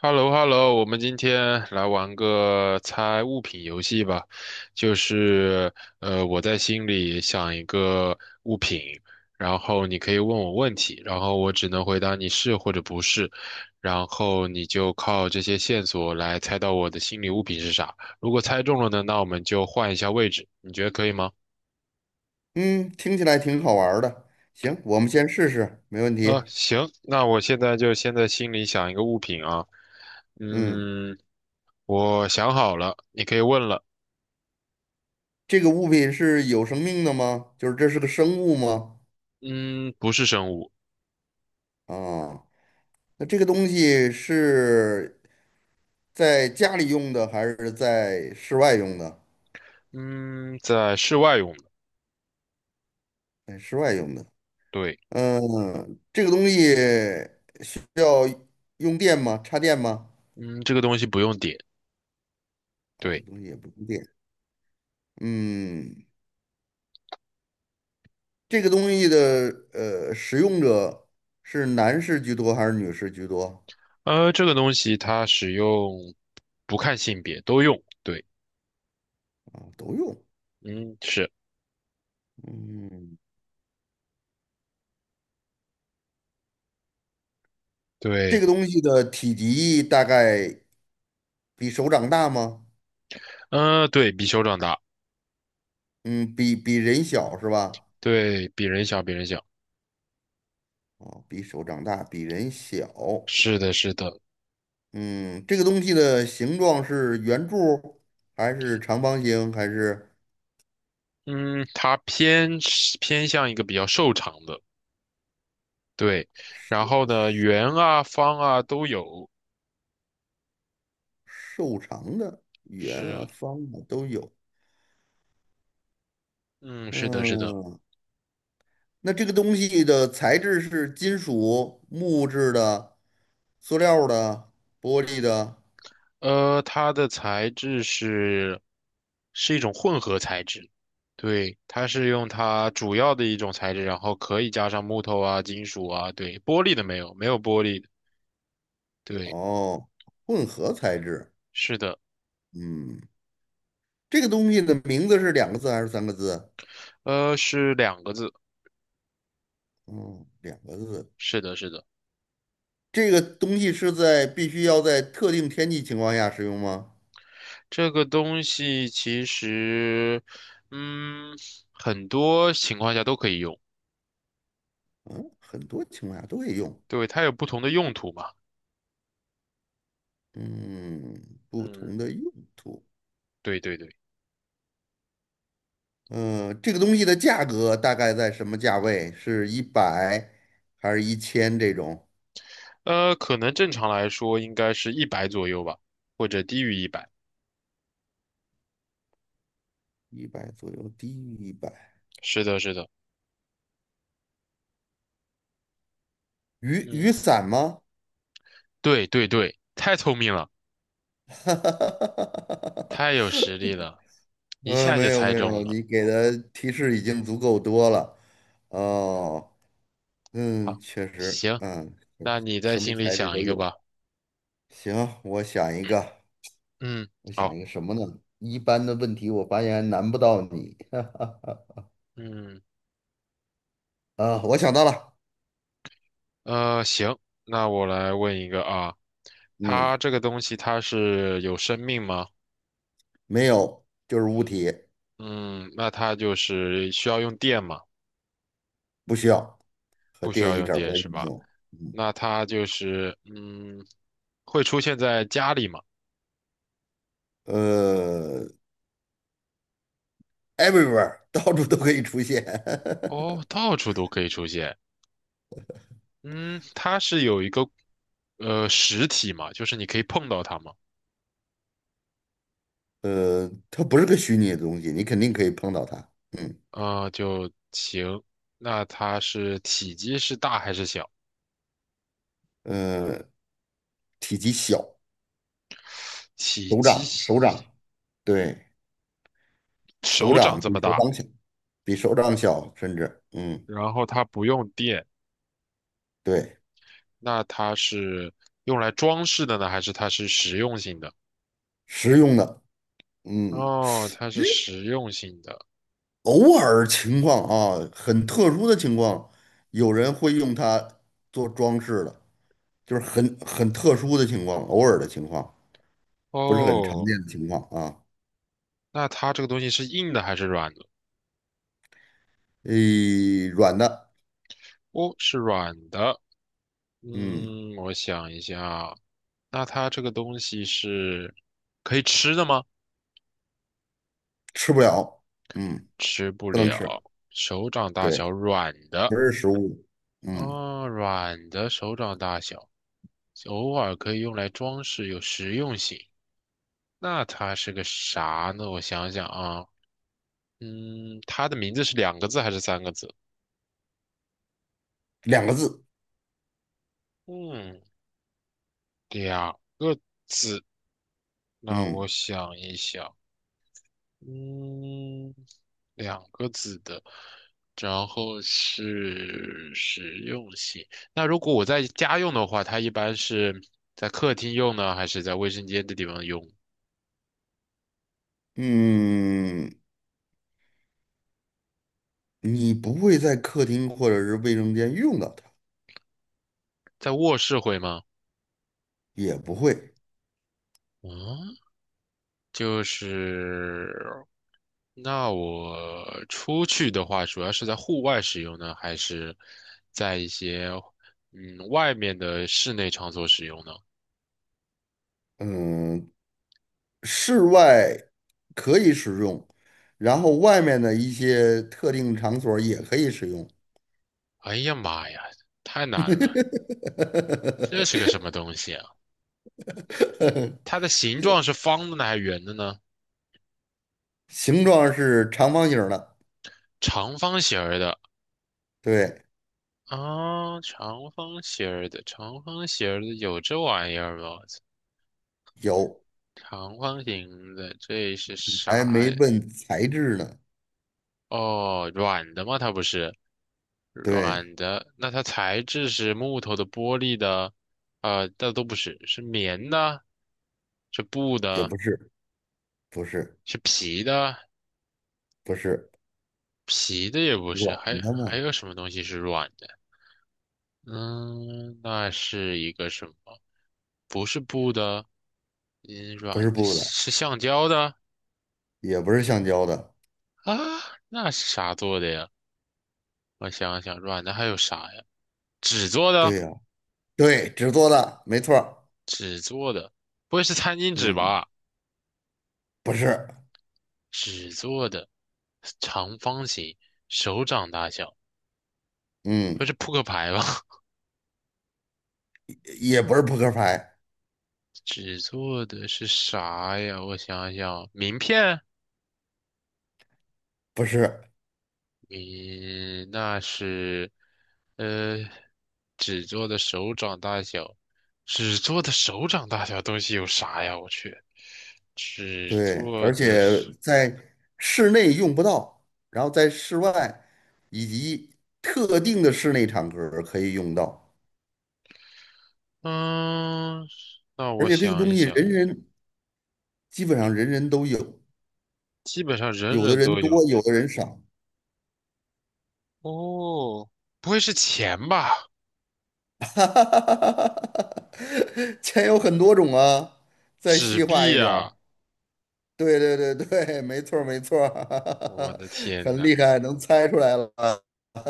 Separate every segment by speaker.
Speaker 1: h e l l o h e l l o 我们今天来玩个猜物品游戏吧。就是我在心里想一个物品，然后你可以问我问题，然后我只能回答你是或者不是，然后你就靠这些线索来猜到我的心理物品是啥。如果猜中了呢，那我们就换一下位置，你觉得可以吗？
Speaker 2: 嗯，听起来挺好玩儿的。行，我们先试试，没问题。
Speaker 1: 行，那我现在就先在心里想一个物品啊。
Speaker 2: 嗯，
Speaker 1: 嗯，我想好了，你可以问了。
Speaker 2: 这个物品是有生命的吗？就是这是个生物吗？
Speaker 1: 嗯，不是生物。
Speaker 2: 啊，那这个东西是在家里用的还是在室外用的？
Speaker 1: 嗯，在室外用的，
Speaker 2: 在室外用的。
Speaker 1: 对，
Speaker 2: 嗯，这个东西要用电吗？插电吗？
Speaker 1: 嗯，这个东西不用点，
Speaker 2: 啊，这个
Speaker 1: 对，
Speaker 2: 东西也不用电。嗯，这个东西的使用者是男士居多还是女士居多？
Speaker 1: 这个东西它使用不看性别都用，对，
Speaker 2: 啊，都用。
Speaker 1: 嗯，是，
Speaker 2: 嗯，这
Speaker 1: 对，
Speaker 2: 个东西的体积大概比手掌大吗？
Speaker 1: 对，比手掌大，
Speaker 2: 嗯，比人小是吧？
Speaker 1: 对，比人小，比人小，
Speaker 2: 哦，比手掌大，比人小。
Speaker 1: 是的，是的，
Speaker 2: 嗯，这个东西的形状是圆柱还是长方形还是
Speaker 1: 嗯，它偏是偏向一个比较瘦长的，对，然后呢，圆啊、方啊都有，
Speaker 2: 瘦长的？圆啊，
Speaker 1: 是，
Speaker 2: 方啊都有。
Speaker 1: 嗯，是的，是的，
Speaker 2: 嗯，那这个东西的材质是金属、木质的、塑料的、玻璃的，
Speaker 1: 它的材质是是一种混合材质，对，它是用它主要的一种材质，然后可以加上木头啊、金属啊，对，玻璃的没有，没有玻璃的，对，
Speaker 2: 哦，混合材质。
Speaker 1: 是的，
Speaker 2: 嗯。这个东西的名字是两个字还是三个字？
Speaker 1: 是两个字，
Speaker 2: 嗯，两个字。
Speaker 1: 是的，是的，
Speaker 2: 这个东西是在必须要在特定天气情况下使用吗？
Speaker 1: 这个东西其实，嗯，很多情况下都可以用，
Speaker 2: 嗯，很多情况下都会用。
Speaker 1: 对，它有不同的用途嘛，
Speaker 2: 嗯，不
Speaker 1: 嗯，
Speaker 2: 同的用途。
Speaker 1: 对对对，
Speaker 2: 嗯，这个东西的价格大概在什么价位？是一百还是1000这种？
Speaker 1: 可能正常来说应该是一百左右吧，或者低于一百。
Speaker 2: 一百左右，低于一百。
Speaker 1: 是的，是的，
Speaker 2: 雨
Speaker 1: 嗯，
Speaker 2: 伞吗？
Speaker 1: 对对对，太聪明了，太有实力 了，一
Speaker 2: 嗯，
Speaker 1: 下就
Speaker 2: 没有
Speaker 1: 猜
Speaker 2: 没
Speaker 1: 中
Speaker 2: 有，
Speaker 1: 了。
Speaker 2: 你给的提示已经足够多了。
Speaker 1: 嗯，
Speaker 2: 哦，嗯，
Speaker 1: 好，
Speaker 2: 确实，
Speaker 1: 行，
Speaker 2: 嗯，
Speaker 1: 那你在
Speaker 2: 什么
Speaker 1: 心里
Speaker 2: 材质
Speaker 1: 想
Speaker 2: 都
Speaker 1: 一个
Speaker 2: 有。
Speaker 1: 吧。
Speaker 2: 行，我想一个，
Speaker 1: 嗯，
Speaker 2: 我想
Speaker 1: 好，
Speaker 2: 一个什么呢？一般的问题我发现难不到你。
Speaker 1: 嗯，
Speaker 2: 啊，我想到了，
Speaker 1: 行，那我来问一个啊，
Speaker 2: 嗯，
Speaker 1: 它这个东西它是有生命吗？
Speaker 2: 没有，就是物体，
Speaker 1: 嗯，那它就是需要用电吗？
Speaker 2: 不需要，和
Speaker 1: 不需
Speaker 2: 电
Speaker 1: 要
Speaker 2: 一
Speaker 1: 用
Speaker 2: 点儿
Speaker 1: 电
Speaker 2: 关
Speaker 1: 是
Speaker 2: 系没
Speaker 1: 吧？
Speaker 2: 有。嗯，
Speaker 1: 那它就是会出现在家里吗？
Speaker 2: 呃，everywhere,到处都可以出现。
Speaker 1: 哦，到处都可以出现。嗯，它是有一个实体嘛，就是你可以碰到它嘛，
Speaker 2: 它不是个虚拟的东西，你肯定可以碰到它。嗯。
Speaker 1: 啊、就行。那它是体积是大还是小？
Speaker 2: 呃体积小，
Speaker 1: 体
Speaker 2: 手掌手
Speaker 1: 积
Speaker 2: 掌对，手
Speaker 1: 手掌
Speaker 2: 掌
Speaker 1: 这
Speaker 2: 比
Speaker 1: 么
Speaker 2: 手
Speaker 1: 大，
Speaker 2: 掌小，比手掌小，甚至嗯，
Speaker 1: 然后它不用电，
Speaker 2: 对，
Speaker 1: 那它是用来装饰的呢，还是它是实用性的？
Speaker 2: 实用的，嗯，
Speaker 1: 哦，它是实用性的。
Speaker 2: 偶尔情况啊，很特殊的情况，有人会用它做装饰的，就是很特殊的情况，偶尔的情况，不是很常
Speaker 1: 哦，
Speaker 2: 见的情况啊。
Speaker 1: 那它这个东西是硬的还是软的？
Speaker 2: 诶，软的，
Speaker 1: 哦，是软的。
Speaker 2: 嗯，
Speaker 1: 嗯，我想一下啊，那它这个东西是可以吃的吗？
Speaker 2: 吃不了，嗯，
Speaker 1: 吃不
Speaker 2: 不能
Speaker 1: 了，
Speaker 2: 吃，
Speaker 1: 手掌大小，
Speaker 2: 对，
Speaker 1: 软的
Speaker 2: 不是食物，嗯，
Speaker 1: 啊，软的手掌大小，偶尔可以用来装饰，有实用性。那它是个啥呢？我想想啊，嗯，它的名字是两个字还是三个字？
Speaker 2: 两个字。
Speaker 1: 嗯，两个字。那我
Speaker 2: 嗯
Speaker 1: 想一想。嗯，两个字的，然后是实用性。那如果我在家用的话，它一般是在客厅用呢，还是在卫生间的地方用？
Speaker 2: 嗯，你不会在客厅或者是卫生间用到它，
Speaker 1: 在卧室会吗？
Speaker 2: 也不会。
Speaker 1: 嗯，就是，那我出去的话，主要是在户外使用呢，还是在一些外面的室内场所使用呢？
Speaker 2: 嗯，室外可以使用，然后外面的一些特定场所也可以使用。
Speaker 1: 哎呀妈呀，太难了，这是个什 么东西啊？它的形状是方的呢还是圆的呢？
Speaker 2: 形状是长方形儿的，
Speaker 1: 长方形儿的
Speaker 2: 对，
Speaker 1: 啊，长方形儿的，长方形儿的有这玩意儿吗？我操
Speaker 2: 有，
Speaker 1: 长方形的，这是
Speaker 2: 还
Speaker 1: 啥
Speaker 2: 没
Speaker 1: 呀？
Speaker 2: 问材质呢，
Speaker 1: 哦，软的吗？它不是
Speaker 2: 对，
Speaker 1: 软的，那它材质是木头的、玻璃的，那都不是，是棉的，是布
Speaker 2: 也
Speaker 1: 的，
Speaker 2: 不是，不是，
Speaker 1: 是皮的，
Speaker 2: 不是
Speaker 1: 皮的也不是，还
Speaker 2: 软的
Speaker 1: 还
Speaker 2: 嘛，
Speaker 1: 有什么东西是软的？嗯，那是一个什么？不是布的，嗯，
Speaker 2: 不
Speaker 1: 软
Speaker 2: 是
Speaker 1: 的，
Speaker 2: 布的，
Speaker 1: 是橡胶的
Speaker 2: 也不是橡胶的，
Speaker 1: 啊？那是啥做的呀？我想想，软的还有啥呀？纸做的，
Speaker 2: 对呀、对，纸做的，没错儿
Speaker 1: 纸做的，不会是餐巾纸
Speaker 2: 嗯。
Speaker 1: 吧？
Speaker 2: 不是，
Speaker 1: 纸做的，长方形，手掌大小，不会
Speaker 2: 嗯，
Speaker 1: 是扑克牌吧？
Speaker 2: 也不是扑克牌，
Speaker 1: 纸做的是啥呀？我想想，名片。
Speaker 2: 不是，
Speaker 1: 你那是，呃，纸做的手掌大小，纸做的手掌大小东西有啥呀？我去，纸
Speaker 2: 对，
Speaker 1: 做
Speaker 2: 而
Speaker 1: 的
Speaker 2: 且
Speaker 1: 是，
Speaker 2: 在室内用不到，然后在室外以及特定的室内场合可以用到，
Speaker 1: 嗯，那
Speaker 2: 而
Speaker 1: 我
Speaker 2: 且这个
Speaker 1: 想
Speaker 2: 东
Speaker 1: 一
Speaker 2: 西
Speaker 1: 想，
Speaker 2: 基本上人人都有，
Speaker 1: 基本上人
Speaker 2: 有的
Speaker 1: 人
Speaker 2: 人
Speaker 1: 都
Speaker 2: 多，
Speaker 1: 有。
Speaker 2: 有的人少，
Speaker 1: 哦，不会是钱吧？
Speaker 2: 哈哈哈哈哈 钱有很多种啊，再
Speaker 1: 纸
Speaker 2: 细化
Speaker 1: 币
Speaker 2: 一点儿。
Speaker 1: 呀！
Speaker 2: 对对对对，没错儿没错
Speaker 1: 我
Speaker 2: 儿，
Speaker 1: 的 天
Speaker 2: 很
Speaker 1: 呐，
Speaker 2: 厉害，能猜出来了。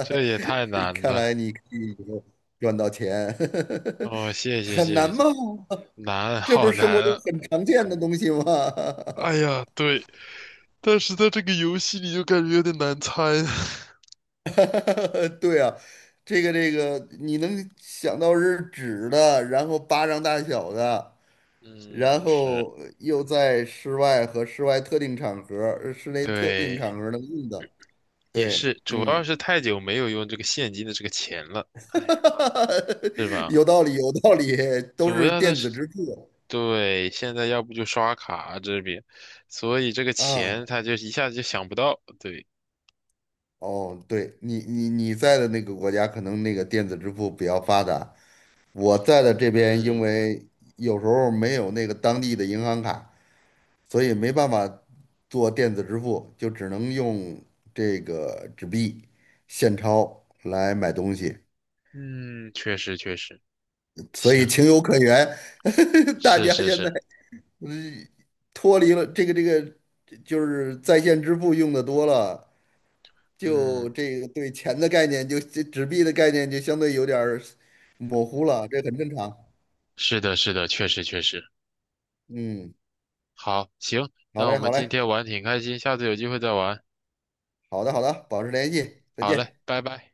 Speaker 1: 这也太 难
Speaker 2: 看来
Speaker 1: 了。
Speaker 2: 你可以赚到钱，
Speaker 1: 哦，谢谢
Speaker 2: 很
Speaker 1: 谢
Speaker 2: 难吗？
Speaker 1: 谢，难，
Speaker 2: 这不
Speaker 1: 好
Speaker 2: 是生活
Speaker 1: 难
Speaker 2: 中
Speaker 1: 啊！
Speaker 2: 很常见的东西吗？
Speaker 1: 哎呀，对。但是在这个游戏里就感觉有点难猜。
Speaker 2: 对啊，这个，你能想到是纸的，然后巴掌大小的，然
Speaker 1: 嗯，是，
Speaker 2: 后又在室外和室外特定场合、室内特定
Speaker 1: 对，
Speaker 2: 场合能用的，
Speaker 1: 也
Speaker 2: 对，
Speaker 1: 是，主要
Speaker 2: 嗯，
Speaker 1: 是太久没有用这个现金的这个钱了，哎，是 吧？
Speaker 2: 有道理，有道理，都
Speaker 1: 主
Speaker 2: 是
Speaker 1: 要的
Speaker 2: 电
Speaker 1: 是，
Speaker 2: 子支付
Speaker 1: 对，现在要不就刷卡这边，所以这个
Speaker 2: 啊。
Speaker 1: 钱他就一下子就想不到，对，
Speaker 2: 哦，对你，你在的那个国家可能那个电子支付比较发达，我在的这边因
Speaker 1: 嗯
Speaker 2: 为有时候没有那个当地的银行卡，所以没办法做电子支付，就只能用这个纸币现钞来买东西，
Speaker 1: 嗯，确实确实，
Speaker 2: 所以
Speaker 1: 行，
Speaker 2: 情有可原。大
Speaker 1: 是
Speaker 2: 家
Speaker 1: 是
Speaker 2: 现
Speaker 1: 是，
Speaker 2: 在嗯脱离了这个，就是在线支付用的多了，就
Speaker 1: 嗯，
Speaker 2: 这个对钱的概念就，这纸币的概念就相对有点儿模糊了，这很正常。
Speaker 1: 是的是的，确实确实，
Speaker 2: 嗯，
Speaker 1: 好，行，
Speaker 2: 好
Speaker 1: 那我
Speaker 2: 嘞，
Speaker 1: 们
Speaker 2: 好
Speaker 1: 今
Speaker 2: 嘞，
Speaker 1: 天玩挺开心，下次有机会再玩，
Speaker 2: 好的，好的，保持联系，再
Speaker 1: 好
Speaker 2: 见。
Speaker 1: 嘞，拜拜。